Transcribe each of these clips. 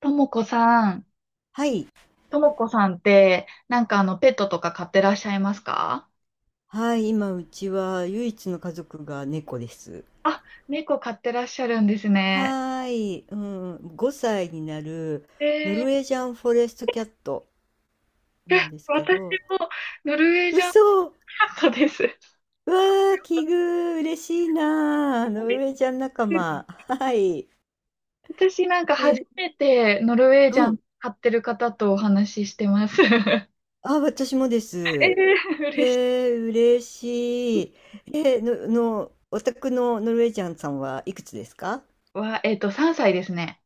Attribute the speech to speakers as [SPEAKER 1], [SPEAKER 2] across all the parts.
[SPEAKER 1] ともこさん、
[SPEAKER 2] はい。
[SPEAKER 1] ともこさんって、なんかペットとか飼ってらっしゃいますか？
[SPEAKER 2] はい。今、うちは唯一の家族が猫です。
[SPEAKER 1] あ、猫飼ってらっしゃるんですね。
[SPEAKER 2] はーい。うん。5歳になるノ
[SPEAKER 1] え
[SPEAKER 2] ルウェ
[SPEAKER 1] ー、
[SPEAKER 2] ージャンフォレストキャットなんですけ
[SPEAKER 1] 私
[SPEAKER 2] ど、
[SPEAKER 1] もノルウェージャン
[SPEAKER 2] 嘘わ
[SPEAKER 1] カットです。
[SPEAKER 2] ー、奇遇、嬉しいなー。
[SPEAKER 1] そ
[SPEAKER 2] ノ
[SPEAKER 1] う
[SPEAKER 2] ルウ
[SPEAKER 1] で
[SPEAKER 2] ェー
[SPEAKER 1] す、
[SPEAKER 2] ジャン仲間。はい。
[SPEAKER 1] 私なんか初
[SPEAKER 2] え、
[SPEAKER 1] めてノルウェー
[SPEAKER 2] う
[SPEAKER 1] ジャン
[SPEAKER 2] ん。
[SPEAKER 1] 飼ってる方とお話ししてます。
[SPEAKER 2] あ、私もです。え
[SPEAKER 1] 嬉しい。
[SPEAKER 2] ー、嬉しい。えー、の、の、お宅のノルウェージャンさんはいくつですか？
[SPEAKER 1] わ、3歳ですね。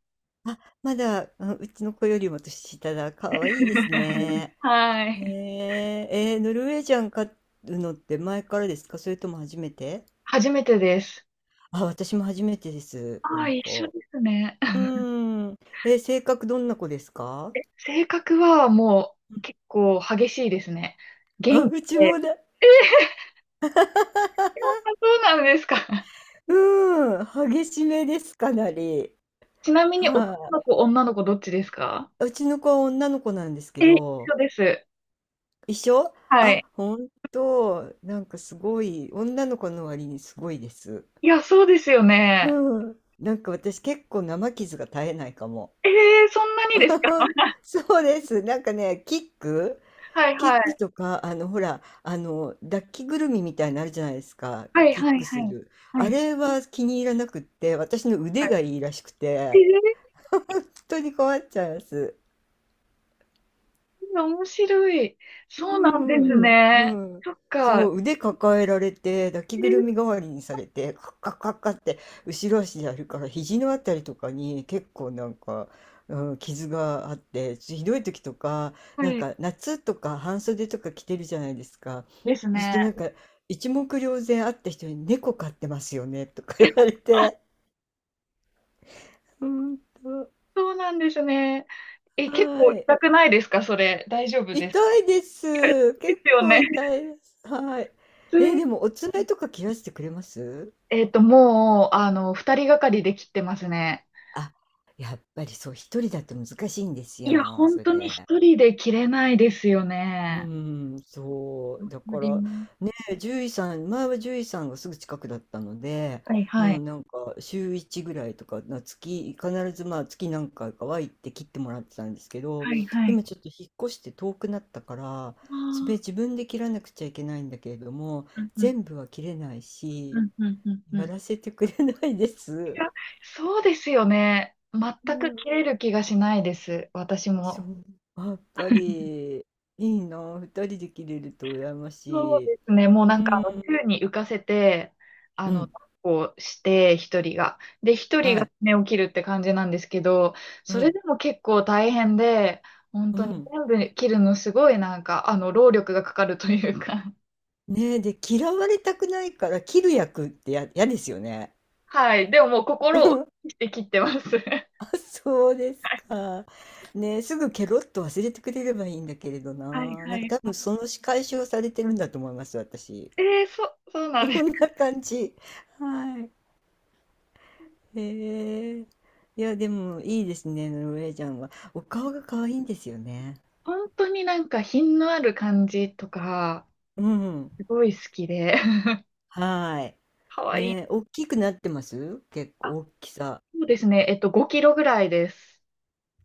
[SPEAKER 2] あ、まだ、あ、うちの子よりも年下だ。可愛いいですね。
[SPEAKER 1] は
[SPEAKER 2] へ
[SPEAKER 1] い。
[SPEAKER 2] え、ノルウェージャン飼うのって前からですかそれとも初めて？
[SPEAKER 1] 初めてです。
[SPEAKER 2] あ、私も初めてです、こ
[SPEAKER 1] ああ、
[SPEAKER 2] の
[SPEAKER 1] 一緒で
[SPEAKER 2] 子。
[SPEAKER 1] すね。
[SPEAKER 2] うーん。性格どんな子ですか？
[SPEAKER 1] 性格はもう結構激しいですね。
[SPEAKER 2] あ、
[SPEAKER 1] 元気
[SPEAKER 2] うち
[SPEAKER 1] で。
[SPEAKER 2] もだ。
[SPEAKER 1] あ、そうなんですか。
[SPEAKER 2] うーん。激しめです、かなり。
[SPEAKER 1] ちなみに男
[SPEAKER 2] は
[SPEAKER 1] の子、女の子どっちですか？
[SPEAKER 2] い、うちの子は女の子なんですけ
[SPEAKER 1] え、一
[SPEAKER 2] ど、
[SPEAKER 1] 緒です。
[SPEAKER 2] 一緒。
[SPEAKER 1] は
[SPEAKER 2] あ、
[SPEAKER 1] い。
[SPEAKER 2] ほんと、なんかすごい、女の子の割にすごいです。
[SPEAKER 1] いや、そうですよ
[SPEAKER 2] う
[SPEAKER 1] ね。
[SPEAKER 2] ん。なんか私結構生傷が絶えないかも。
[SPEAKER 1] そんなにですか？
[SPEAKER 2] そうです。なんかね、キック、
[SPEAKER 1] はい
[SPEAKER 2] キ
[SPEAKER 1] は
[SPEAKER 2] ック
[SPEAKER 1] い。
[SPEAKER 2] とか、ほら、抱きぐるみみたいになるじゃないですか。
[SPEAKER 1] はい
[SPEAKER 2] キッ
[SPEAKER 1] はい
[SPEAKER 2] ク
[SPEAKER 1] は
[SPEAKER 2] す
[SPEAKER 1] い。
[SPEAKER 2] る。
[SPEAKER 1] は
[SPEAKER 2] あ
[SPEAKER 1] い。
[SPEAKER 2] れは気に入らなくって、私の
[SPEAKER 1] は
[SPEAKER 2] 腕
[SPEAKER 1] い。
[SPEAKER 2] がいいらしくて、
[SPEAKER 1] え
[SPEAKER 2] 人に困っちゃいます。
[SPEAKER 1] 面白い。
[SPEAKER 2] う
[SPEAKER 1] そうなんです
[SPEAKER 2] ん。う
[SPEAKER 1] ね。
[SPEAKER 2] ん。
[SPEAKER 1] そっ
[SPEAKER 2] そ
[SPEAKER 1] か。
[SPEAKER 2] う、腕抱えられて、抱き
[SPEAKER 1] え
[SPEAKER 2] ぐる
[SPEAKER 1] ー、
[SPEAKER 2] み代わりにされて、カッカッカッカッって後ろ足でやるから、肘のあたりとかに結構なんか、うん、傷があって、ひどい時とか、
[SPEAKER 1] は
[SPEAKER 2] なん
[SPEAKER 1] い。
[SPEAKER 2] か夏とか半袖とか着てるじゃないですか。
[SPEAKER 1] です
[SPEAKER 2] そうするとな
[SPEAKER 1] ね。
[SPEAKER 2] んか、一目瞭然。会った人に猫飼ってますよねとか言われて。うんと、
[SPEAKER 1] そうなんですね。え、結
[SPEAKER 2] は
[SPEAKER 1] 構
[SPEAKER 2] い。
[SPEAKER 1] 痛くないですかそれ。大丈夫です
[SPEAKER 2] 痛
[SPEAKER 1] か？
[SPEAKER 2] いです。
[SPEAKER 1] で
[SPEAKER 2] 結
[SPEAKER 1] すよ
[SPEAKER 2] 構
[SPEAKER 1] ね。
[SPEAKER 2] 痛いです。はい。
[SPEAKER 1] 普通
[SPEAKER 2] え、
[SPEAKER 1] に、
[SPEAKER 2] でもお爪とか切らしてくれます？
[SPEAKER 1] もう、二人がかりで切ってますね。
[SPEAKER 2] あ、やっぱりそう、一人だと難しいんです
[SPEAKER 1] いや、
[SPEAKER 2] よ、
[SPEAKER 1] 本
[SPEAKER 2] そ
[SPEAKER 1] 当に
[SPEAKER 2] れ。
[SPEAKER 1] 一人で切れないですよ
[SPEAKER 2] う
[SPEAKER 1] ね。
[SPEAKER 2] ん、そ
[SPEAKER 1] わ
[SPEAKER 2] う。だ
[SPEAKER 1] か
[SPEAKER 2] か
[SPEAKER 1] りま
[SPEAKER 2] ら、
[SPEAKER 1] す。
[SPEAKER 2] ね、獣医さん、前は獣医さんがすぐ近くだったので、
[SPEAKER 1] はいは
[SPEAKER 2] もう
[SPEAKER 1] い。
[SPEAKER 2] なんか週1ぐらいとか、必ずまあ月何回かは行って切ってもらってたんですけど、
[SPEAKER 1] はいはい。
[SPEAKER 2] 今ちょっと引っ越して遠くなったから、
[SPEAKER 1] あ
[SPEAKER 2] 爪
[SPEAKER 1] あ、
[SPEAKER 2] 自分で切らなくちゃいけないんだけれども、
[SPEAKER 1] うんうん、
[SPEAKER 2] 全部は切れない
[SPEAKER 1] う
[SPEAKER 2] し、
[SPEAKER 1] んうんうんうん。
[SPEAKER 2] や
[SPEAKER 1] い
[SPEAKER 2] らせてくれないです。
[SPEAKER 1] や、そうですよね。全
[SPEAKER 2] う
[SPEAKER 1] く
[SPEAKER 2] ん、
[SPEAKER 1] 切れる気がしないです。私
[SPEAKER 2] そ
[SPEAKER 1] も。
[SPEAKER 2] う、やっぱりいいな、二人で切れると羨ま
[SPEAKER 1] そう
[SPEAKER 2] しい。
[SPEAKER 1] ですね。もう
[SPEAKER 2] う
[SPEAKER 1] なんか、
[SPEAKER 2] ん。
[SPEAKER 1] 宙に浮かせて、
[SPEAKER 2] うん、
[SPEAKER 1] 抱っこして、一人が。で、一人
[SPEAKER 2] は
[SPEAKER 1] が
[SPEAKER 2] い。
[SPEAKER 1] 爪を切るって感じなんですけど、
[SPEAKER 2] う
[SPEAKER 1] それ
[SPEAKER 2] ん。
[SPEAKER 1] でも結構大変で、本
[SPEAKER 2] う
[SPEAKER 1] 当に
[SPEAKER 2] ん。
[SPEAKER 1] 全部切るのすごいなんか、労力がかかるというか。
[SPEAKER 2] ねえ、で、嫌われたくないから切る役ってや嫌ですよね。
[SPEAKER 1] はい。でももう
[SPEAKER 2] う
[SPEAKER 1] 心を
[SPEAKER 2] ん。
[SPEAKER 1] 鬼にして切ってます。
[SPEAKER 2] あ、そうですか。ねえ、すぐケロッと忘れてくれればいいんだけれど
[SPEAKER 1] はい
[SPEAKER 2] な。な
[SPEAKER 1] は
[SPEAKER 2] んか多
[SPEAKER 1] い。
[SPEAKER 2] 分その仕返しをされてるんだと思います、私。
[SPEAKER 1] えー、そ、そうなん です。
[SPEAKER 2] こんな感じ。はい。へえ。いや、でもいいですね、ノルウェージャンは。お顔が可愛いんですよね。
[SPEAKER 1] 本当になんか品のある感じとか、
[SPEAKER 2] うん。
[SPEAKER 1] すごい好きで。
[SPEAKER 2] はい。
[SPEAKER 1] かわい
[SPEAKER 2] ねえ、
[SPEAKER 1] い。
[SPEAKER 2] 大きくなってます？結
[SPEAKER 1] あ、
[SPEAKER 2] 構大きさ。
[SPEAKER 1] そうですね。5キロぐらいです。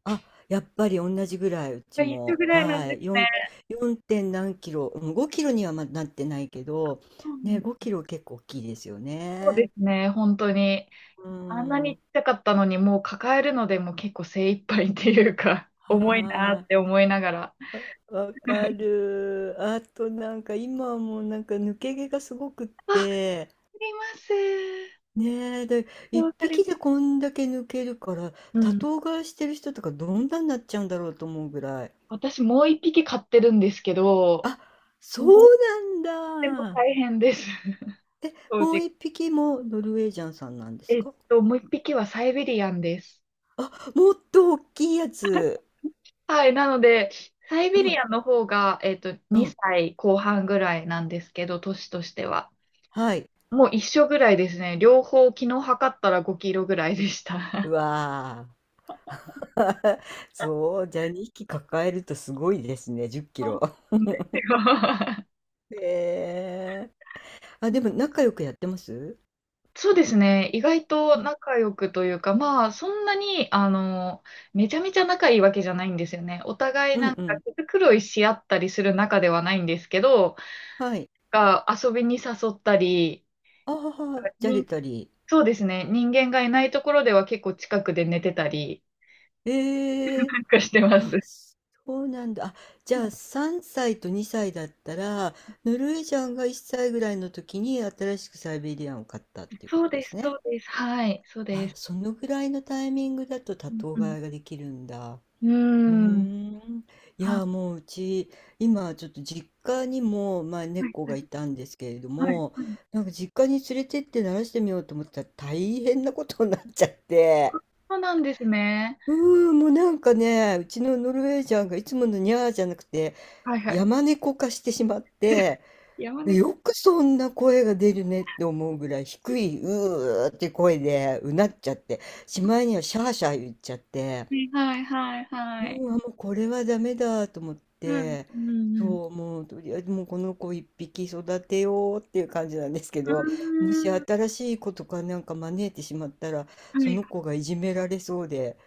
[SPEAKER 2] あ、やっぱり同じぐらい、うち
[SPEAKER 1] が一緒
[SPEAKER 2] も。
[SPEAKER 1] ぐらいなん
[SPEAKER 2] は
[SPEAKER 1] です
[SPEAKER 2] い。
[SPEAKER 1] ね。
[SPEAKER 2] 4点何キロ、うん、5キロにはまだなってないけど、
[SPEAKER 1] そうん
[SPEAKER 2] ね、
[SPEAKER 1] で
[SPEAKER 2] 5
[SPEAKER 1] す、
[SPEAKER 2] キロ結構大きいですよ
[SPEAKER 1] そうで
[SPEAKER 2] ね。
[SPEAKER 1] すね、本当に。
[SPEAKER 2] う
[SPEAKER 1] あんなに
[SPEAKER 2] ん。
[SPEAKER 1] ちっちゃかったのに、もう抱えるのでもう結構精一杯っていうか、重いなーっ
[SPEAKER 2] は
[SPEAKER 1] て思いながら。
[SPEAKER 2] い。わか る。あとなんか今はもうなんか抜け毛がすごくっ
[SPEAKER 1] あ、わか
[SPEAKER 2] て、
[SPEAKER 1] ります。
[SPEAKER 2] ねえ、で、一
[SPEAKER 1] わかりま
[SPEAKER 2] 匹で
[SPEAKER 1] す。
[SPEAKER 2] こんだけ抜けるから、
[SPEAKER 1] う
[SPEAKER 2] 多
[SPEAKER 1] ん。
[SPEAKER 2] 頭飼いしてる人とかどんなになっちゃうんだろうと思うぐらい。
[SPEAKER 1] 私もう一匹飼ってるんですけど、
[SPEAKER 2] あ、そう
[SPEAKER 1] もうとても
[SPEAKER 2] なんだ。
[SPEAKER 1] 大変です。
[SPEAKER 2] え、
[SPEAKER 1] 正
[SPEAKER 2] もう
[SPEAKER 1] 直。
[SPEAKER 2] 一匹もノルウェージャンさんなんですか？
[SPEAKER 1] もう一匹はサイベリアンです。
[SPEAKER 2] もっと大きいやつ。
[SPEAKER 1] はい。なので、サイ
[SPEAKER 2] う
[SPEAKER 1] ベリ
[SPEAKER 2] ん、
[SPEAKER 1] アンの方が、
[SPEAKER 2] うん。
[SPEAKER 1] 2歳後半ぐらいなんですけど、年としては。
[SPEAKER 2] はい。
[SPEAKER 1] もう一緒ぐらいですね。両方昨日測ったら5キロぐらいでし
[SPEAKER 2] う
[SPEAKER 1] た。
[SPEAKER 2] わー。そう、じゃあ2匹抱えるとすごいですね、10キ
[SPEAKER 1] そう
[SPEAKER 2] ロ。
[SPEAKER 1] なんですよ。
[SPEAKER 2] へえ。あ、でも仲良くやってます？
[SPEAKER 1] そうですね。意外
[SPEAKER 2] う
[SPEAKER 1] と
[SPEAKER 2] ん、
[SPEAKER 1] 仲良くというか、まあ、そんなに、めちゃめちゃ仲いいわけじゃないんですよね。お互い
[SPEAKER 2] うん、
[SPEAKER 1] なんか
[SPEAKER 2] うん。
[SPEAKER 1] 毛繕いし合ったりする仲ではないんですけど、
[SPEAKER 2] はい。
[SPEAKER 1] が遊びに誘ったり、
[SPEAKER 2] ああ、じゃれ
[SPEAKER 1] に、
[SPEAKER 2] たり。
[SPEAKER 1] そうですね。人間がいないところでは結構近くで寝てたり、
[SPEAKER 2] ええ。
[SPEAKER 1] なんかしてま
[SPEAKER 2] あ、
[SPEAKER 1] す。
[SPEAKER 2] そうなんだ。あ、じゃあ3歳と2歳だったら、ノルウェージャンが1歳ぐらいの時に新しくサイベリアンを買ったっていうこ
[SPEAKER 1] そう
[SPEAKER 2] とで
[SPEAKER 1] で
[SPEAKER 2] す
[SPEAKER 1] す、そ
[SPEAKER 2] ね。
[SPEAKER 1] うです。はい、そうで
[SPEAKER 2] あ、
[SPEAKER 1] す。
[SPEAKER 2] そのぐらいのタイミングだと多頭
[SPEAKER 1] うん、
[SPEAKER 2] 飼いができるんだ。
[SPEAKER 1] うん。
[SPEAKER 2] うー
[SPEAKER 1] うーん。
[SPEAKER 2] ん。いや、もううち、今ちょっと実家にも、まあ、
[SPEAKER 1] はい、
[SPEAKER 2] 猫
[SPEAKER 1] は
[SPEAKER 2] が
[SPEAKER 1] い、
[SPEAKER 2] いたんですけれど
[SPEAKER 1] はい、
[SPEAKER 2] も、
[SPEAKER 1] はい。
[SPEAKER 2] なんか実家に連れてって慣らしてみようと思ったら大変なことになっちゃって。
[SPEAKER 1] そうなんですね。
[SPEAKER 2] うーん、もうなんかね、うちのノルウェージャンがいつものニャーじゃなくて、
[SPEAKER 1] はい、はい。
[SPEAKER 2] 山猫化してしまっ て、
[SPEAKER 1] 山猫。
[SPEAKER 2] よくそんな声が出るねって思うぐらい低い、うーって声でうなっちゃって、しまいにはシャーシャー言っちゃって、
[SPEAKER 1] はい、はい、はい。
[SPEAKER 2] うわ、もうこれはダメだと思っ
[SPEAKER 1] うん、
[SPEAKER 2] て、
[SPEAKER 1] うん、うん。
[SPEAKER 2] そう、もうとりあえずもうこの子一匹育てようっていう感じなんですけ
[SPEAKER 1] う
[SPEAKER 2] ど、もし
[SPEAKER 1] ーん。
[SPEAKER 2] 新しい子とかなんか招いてしまったら、
[SPEAKER 1] は
[SPEAKER 2] そ
[SPEAKER 1] い。
[SPEAKER 2] の子がいじめられそうで、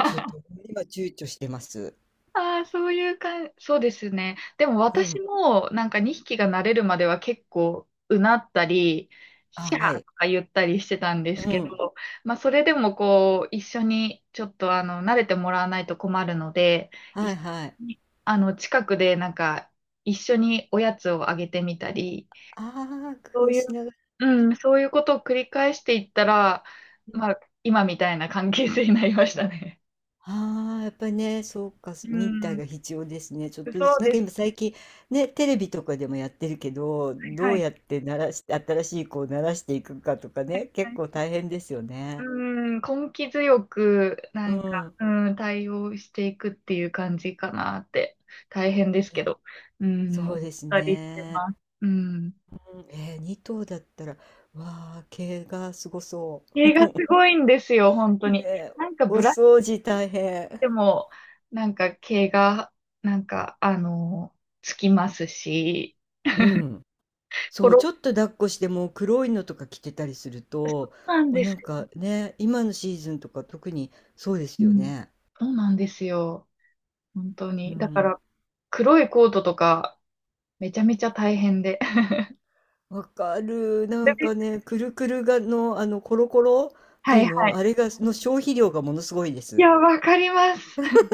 [SPEAKER 2] ちょっ と今躊躇してます。
[SPEAKER 1] ああ、そういう感じ、そうですね。でも
[SPEAKER 2] う
[SPEAKER 1] 私
[SPEAKER 2] ん。
[SPEAKER 1] もなんか2匹が慣れるまでは結構うなったり、
[SPEAKER 2] あ、
[SPEAKER 1] シャ
[SPEAKER 2] は
[SPEAKER 1] ーと
[SPEAKER 2] い。
[SPEAKER 1] か言ったりしてたんです
[SPEAKER 2] う
[SPEAKER 1] け
[SPEAKER 2] ん。
[SPEAKER 1] ど、まあそれでもこう一緒にちょっと慣れてもらわないと困るので、
[SPEAKER 2] はい
[SPEAKER 1] 一
[SPEAKER 2] はい。
[SPEAKER 1] 緒に近くでなんか一緒におやつをあげてみたり、
[SPEAKER 2] ああ、
[SPEAKER 1] そ
[SPEAKER 2] 工
[SPEAKER 1] う
[SPEAKER 2] 夫
[SPEAKER 1] い
[SPEAKER 2] し
[SPEAKER 1] う、
[SPEAKER 2] ながら
[SPEAKER 1] う
[SPEAKER 2] ね。
[SPEAKER 1] ん、そういうことを繰り返していったら、
[SPEAKER 2] うん。
[SPEAKER 1] まあ今みたいな関係性になりましたね。
[SPEAKER 2] ああ、やっぱりね、そうか、
[SPEAKER 1] う
[SPEAKER 2] 忍耐
[SPEAKER 1] ん、
[SPEAKER 2] が必要ですね。ちょっとず
[SPEAKER 1] そ
[SPEAKER 2] つ、
[SPEAKER 1] う
[SPEAKER 2] なん
[SPEAKER 1] で
[SPEAKER 2] か今
[SPEAKER 1] す。
[SPEAKER 2] 最近、ね、テレビとかでもやってるけど、
[SPEAKER 1] はい
[SPEAKER 2] ど
[SPEAKER 1] は
[SPEAKER 2] う
[SPEAKER 1] い。
[SPEAKER 2] やって鳴らして、新しい子を鳴らしていくかとかね、結構大変ですよ
[SPEAKER 1] う
[SPEAKER 2] ね。
[SPEAKER 1] ーん、根気強く、な
[SPEAKER 2] う
[SPEAKER 1] んか、
[SPEAKER 2] ん。
[SPEAKER 1] うん、対応していくっていう感じかなって、大変ですけど、うん、
[SPEAKER 2] そ
[SPEAKER 1] 思っ
[SPEAKER 2] うです
[SPEAKER 1] たりして
[SPEAKER 2] ね。
[SPEAKER 1] ます。うん。
[SPEAKER 2] うん。2頭だったら、わあ、毛がすごそう。
[SPEAKER 1] 毛がす ごいんですよ、本当
[SPEAKER 2] ね
[SPEAKER 1] に。
[SPEAKER 2] え、
[SPEAKER 1] なんか、
[SPEAKER 2] お
[SPEAKER 1] ブラシ
[SPEAKER 2] 掃除大変。
[SPEAKER 1] でも、なんか、毛が、なんか、つきますし、
[SPEAKER 2] うん。
[SPEAKER 1] 転
[SPEAKER 2] そう、ち
[SPEAKER 1] ぶ、
[SPEAKER 2] ょっと抱っこしてもう黒いのとか着てたりすると、
[SPEAKER 1] そうなん
[SPEAKER 2] もう
[SPEAKER 1] で
[SPEAKER 2] な
[SPEAKER 1] す
[SPEAKER 2] ん
[SPEAKER 1] よ。
[SPEAKER 2] かね、今のシーズンとか特にそうで
[SPEAKER 1] う
[SPEAKER 2] すよ
[SPEAKER 1] ん。
[SPEAKER 2] ね。
[SPEAKER 1] そうなんですよ。本当
[SPEAKER 2] う
[SPEAKER 1] に。だか
[SPEAKER 2] ん。
[SPEAKER 1] ら、黒いコートとか、めちゃめちゃ大変で。
[SPEAKER 2] わかる。なん
[SPEAKER 1] で、
[SPEAKER 2] かね、くるくるがの、コロコロって
[SPEAKER 1] は
[SPEAKER 2] い
[SPEAKER 1] い
[SPEAKER 2] う
[SPEAKER 1] は
[SPEAKER 2] の、
[SPEAKER 1] い。
[SPEAKER 2] あれが、の消費量がものすごいで
[SPEAKER 1] い
[SPEAKER 2] す。
[SPEAKER 1] や、わかります。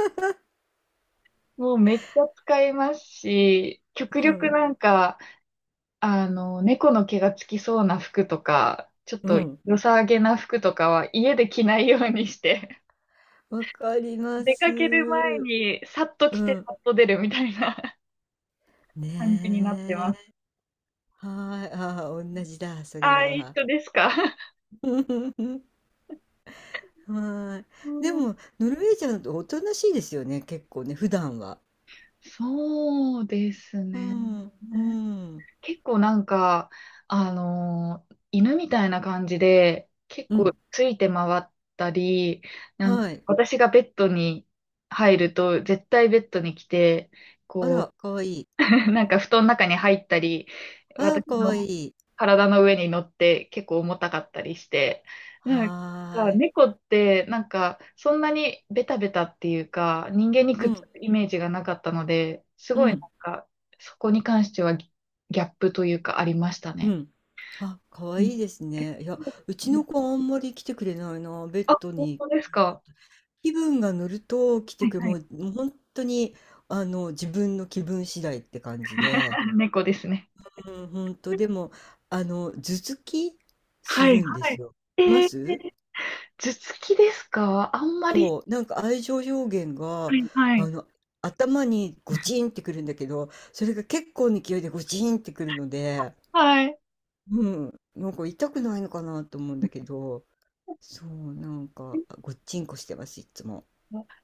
[SPEAKER 1] もうめっちゃ使いますし、極
[SPEAKER 2] う
[SPEAKER 1] 力
[SPEAKER 2] ん。
[SPEAKER 1] なんか、猫の毛がつきそうな服とか、ちょっ
[SPEAKER 2] う
[SPEAKER 1] と
[SPEAKER 2] ん。
[SPEAKER 1] 良さげな服とかは家で着ないようにして、
[SPEAKER 2] わかり ま
[SPEAKER 1] 出か
[SPEAKER 2] す。
[SPEAKER 1] ける前
[SPEAKER 2] う
[SPEAKER 1] にさっと着て
[SPEAKER 2] ん。
[SPEAKER 1] さっと出るみたいな。 感じになってま
[SPEAKER 2] ね
[SPEAKER 1] す。
[SPEAKER 2] え。はい。ああ、同じだ、それ
[SPEAKER 1] ああ、一
[SPEAKER 2] は。
[SPEAKER 1] 緒ですか。
[SPEAKER 2] は
[SPEAKER 1] う
[SPEAKER 2] い。で
[SPEAKER 1] ん、
[SPEAKER 2] も、ノルウェージャンっておとなしいですよね、結構ね、普段は。
[SPEAKER 1] そうです
[SPEAKER 2] う
[SPEAKER 1] ね。
[SPEAKER 2] ん、うん、
[SPEAKER 1] 結構なんか、犬みたいな感じで、結
[SPEAKER 2] うん、
[SPEAKER 1] 構ついて回ったり、なんか
[SPEAKER 2] はい。
[SPEAKER 1] 私がベッドに入ると、絶対ベッドに来て、
[SPEAKER 2] あ
[SPEAKER 1] こう、
[SPEAKER 2] ら、かわいい。
[SPEAKER 1] なんか布団の中に入ったり、
[SPEAKER 2] あら、
[SPEAKER 1] 私
[SPEAKER 2] かわい
[SPEAKER 1] の
[SPEAKER 2] い。
[SPEAKER 1] 体の上に乗って結構重たかったりして、なん
[SPEAKER 2] は
[SPEAKER 1] か
[SPEAKER 2] ーい。
[SPEAKER 1] 猫ってなんかそんなにベタベタっていうか人間に
[SPEAKER 2] う
[SPEAKER 1] くっつ
[SPEAKER 2] ん、
[SPEAKER 1] くイメージがなかったので、す
[SPEAKER 2] う
[SPEAKER 1] ごいなん
[SPEAKER 2] ん、
[SPEAKER 1] かそこに関してはギャップというかありました
[SPEAKER 2] う
[SPEAKER 1] ね。
[SPEAKER 2] ん。あ、かわ
[SPEAKER 1] う
[SPEAKER 2] い
[SPEAKER 1] ん
[SPEAKER 2] いです
[SPEAKER 1] え
[SPEAKER 2] ね。いや、うちの子あんまり来てくれないな、ベッド
[SPEAKER 1] 本
[SPEAKER 2] に。
[SPEAKER 1] 当ですか。
[SPEAKER 2] 気分が乗ると来て
[SPEAKER 1] はい
[SPEAKER 2] くれ、
[SPEAKER 1] は
[SPEAKER 2] も
[SPEAKER 1] い。
[SPEAKER 2] う、もう本当に、あの、自分の気分次第って感じで。
[SPEAKER 1] 猫ですね。
[SPEAKER 2] うん、本当でも、あの、頭突きす
[SPEAKER 1] はい
[SPEAKER 2] るんで
[SPEAKER 1] は
[SPEAKER 2] す
[SPEAKER 1] い。
[SPEAKER 2] よ。
[SPEAKER 1] え
[SPEAKER 2] います。
[SPEAKER 1] ー頭突きですかあんまり。
[SPEAKER 2] そう、なんか愛情表現
[SPEAKER 1] は
[SPEAKER 2] が、
[SPEAKER 1] いは
[SPEAKER 2] あ
[SPEAKER 1] い。
[SPEAKER 2] の、頭にゴチンってくるんだけど、それが結構な勢いでゴチンってくるので、
[SPEAKER 1] はい。
[SPEAKER 2] うん、なんか痛くないのかなと思うんだけ ど、そう、なんか、ごっちんこしてます、いつも。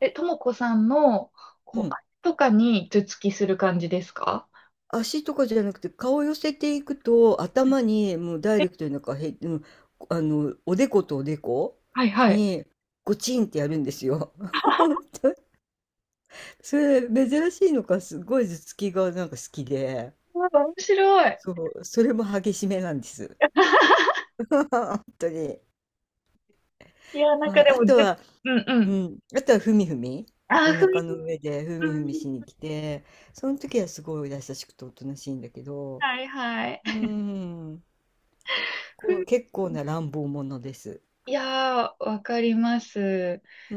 [SPEAKER 1] え、ともこさんの、
[SPEAKER 2] う
[SPEAKER 1] こう、
[SPEAKER 2] ん。
[SPEAKER 1] あれとかに頭突きする感じですか？
[SPEAKER 2] 足とかじゃなくて、顔を寄せていくと、頭にもうダイレク
[SPEAKER 1] え
[SPEAKER 2] トになんかうん、おでことおでこ
[SPEAKER 1] はいはい。
[SPEAKER 2] に、ゴチンってやるんですよ。それ、珍しいのか、すごい頭突きがなんか好きで。
[SPEAKER 1] うわ、面白い。
[SPEAKER 2] そう、それも激しめなんです。本当とに。
[SPEAKER 1] いや、なん
[SPEAKER 2] は
[SPEAKER 1] か
[SPEAKER 2] い、
[SPEAKER 1] で
[SPEAKER 2] あ
[SPEAKER 1] も、
[SPEAKER 2] とは
[SPEAKER 1] うんう
[SPEAKER 2] う
[SPEAKER 1] ん。
[SPEAKER 2] ん、あとはふみふみ、
[SPEAKER 1] あ、
[SPEAKER 2] お
[SPEAKER 1] ふみ、
[SPEAKER 2] 腹の上でふ
[SPEAKER 1] う
[SPEAKER 2] みふみしに
[SPEAKER 1] ん、
[SPEAKER 2] 来て、その時はすごい優しくておとなしいんだけど、
[SPEAKER 1] はいはい。
[SPEAKER 2] うーん、
[SPEAKER 1] ふ
[SPEAKER 2] こう、
[SPEAKER 1] み、
[SPEAKER 2] 結構な乱暴者です。
[SPEAKER 1] いやー、わかります。
[SPEAKER 2] うー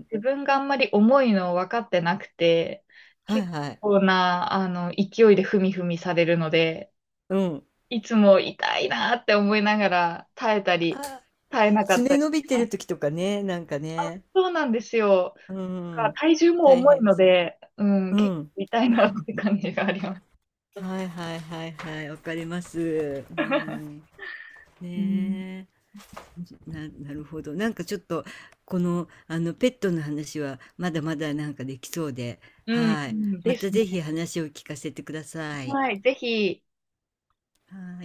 [SPEAKER 2] ん。
[SPEAKER 1] 自分があんまり重いの分かってなくて、
[SPEAKER 2] はい
[SPEAKER 1] 結
[SPEAKER 2] はい。
[SPEAKER 1] 構な、勢いでふみふみされるので、
[SPEAKER 2] うん。
[SPEAKER 1] いつも痛いなーって思いながら耐えたり、
[SPEAKER 2] あ、
[SPEAKER 1] 耐えなかっ
[SPEAKER 2] 爪
[SPEAKER 1] たり。
[SPEAKER 2] 伸びてる時とかね、なんかね、
[SPEAKER 1] そうなんですよ。
[SPEAKER 2] うー
[SPEAKER 1] か
[SPEAKER 2] ん、
[SPEAKER 1] 体重も
[SPEAKER 2] 大
[SPEAKER 1] 重い
[SPEAKER 2] 変で
[SPEAKER 1] の
[SPEAKER 2] すね。
[SPEAKER 1] で、うん、
[SPEAKER 2] う
[SPEAKER 1] 結
[SPEAKER 2] ん。
[SPEAKER 1] 構痛いなって感じがあります。
[SPEAKER 2] はいはいはいはい、わかります。う ん、ね
[SPEAKER 1] うん、
[SPEAKER 2] え。なるほど。なんかちょっと、この、ペットの話は、まだまだなんかできそうで、
[SPEAKER 1] うん、う
[SPEAKER 2] はい。
[SPEAKER 1] ん
[SPEAKER 2] ま
[SPEAKER 1] です
[SPEAKER 2] た
[SPEAKER 1] ね。
[SPEAKER 2] ぜひ話を聞かせてください。い。
[SPEAKER 1] はい、ぜひ。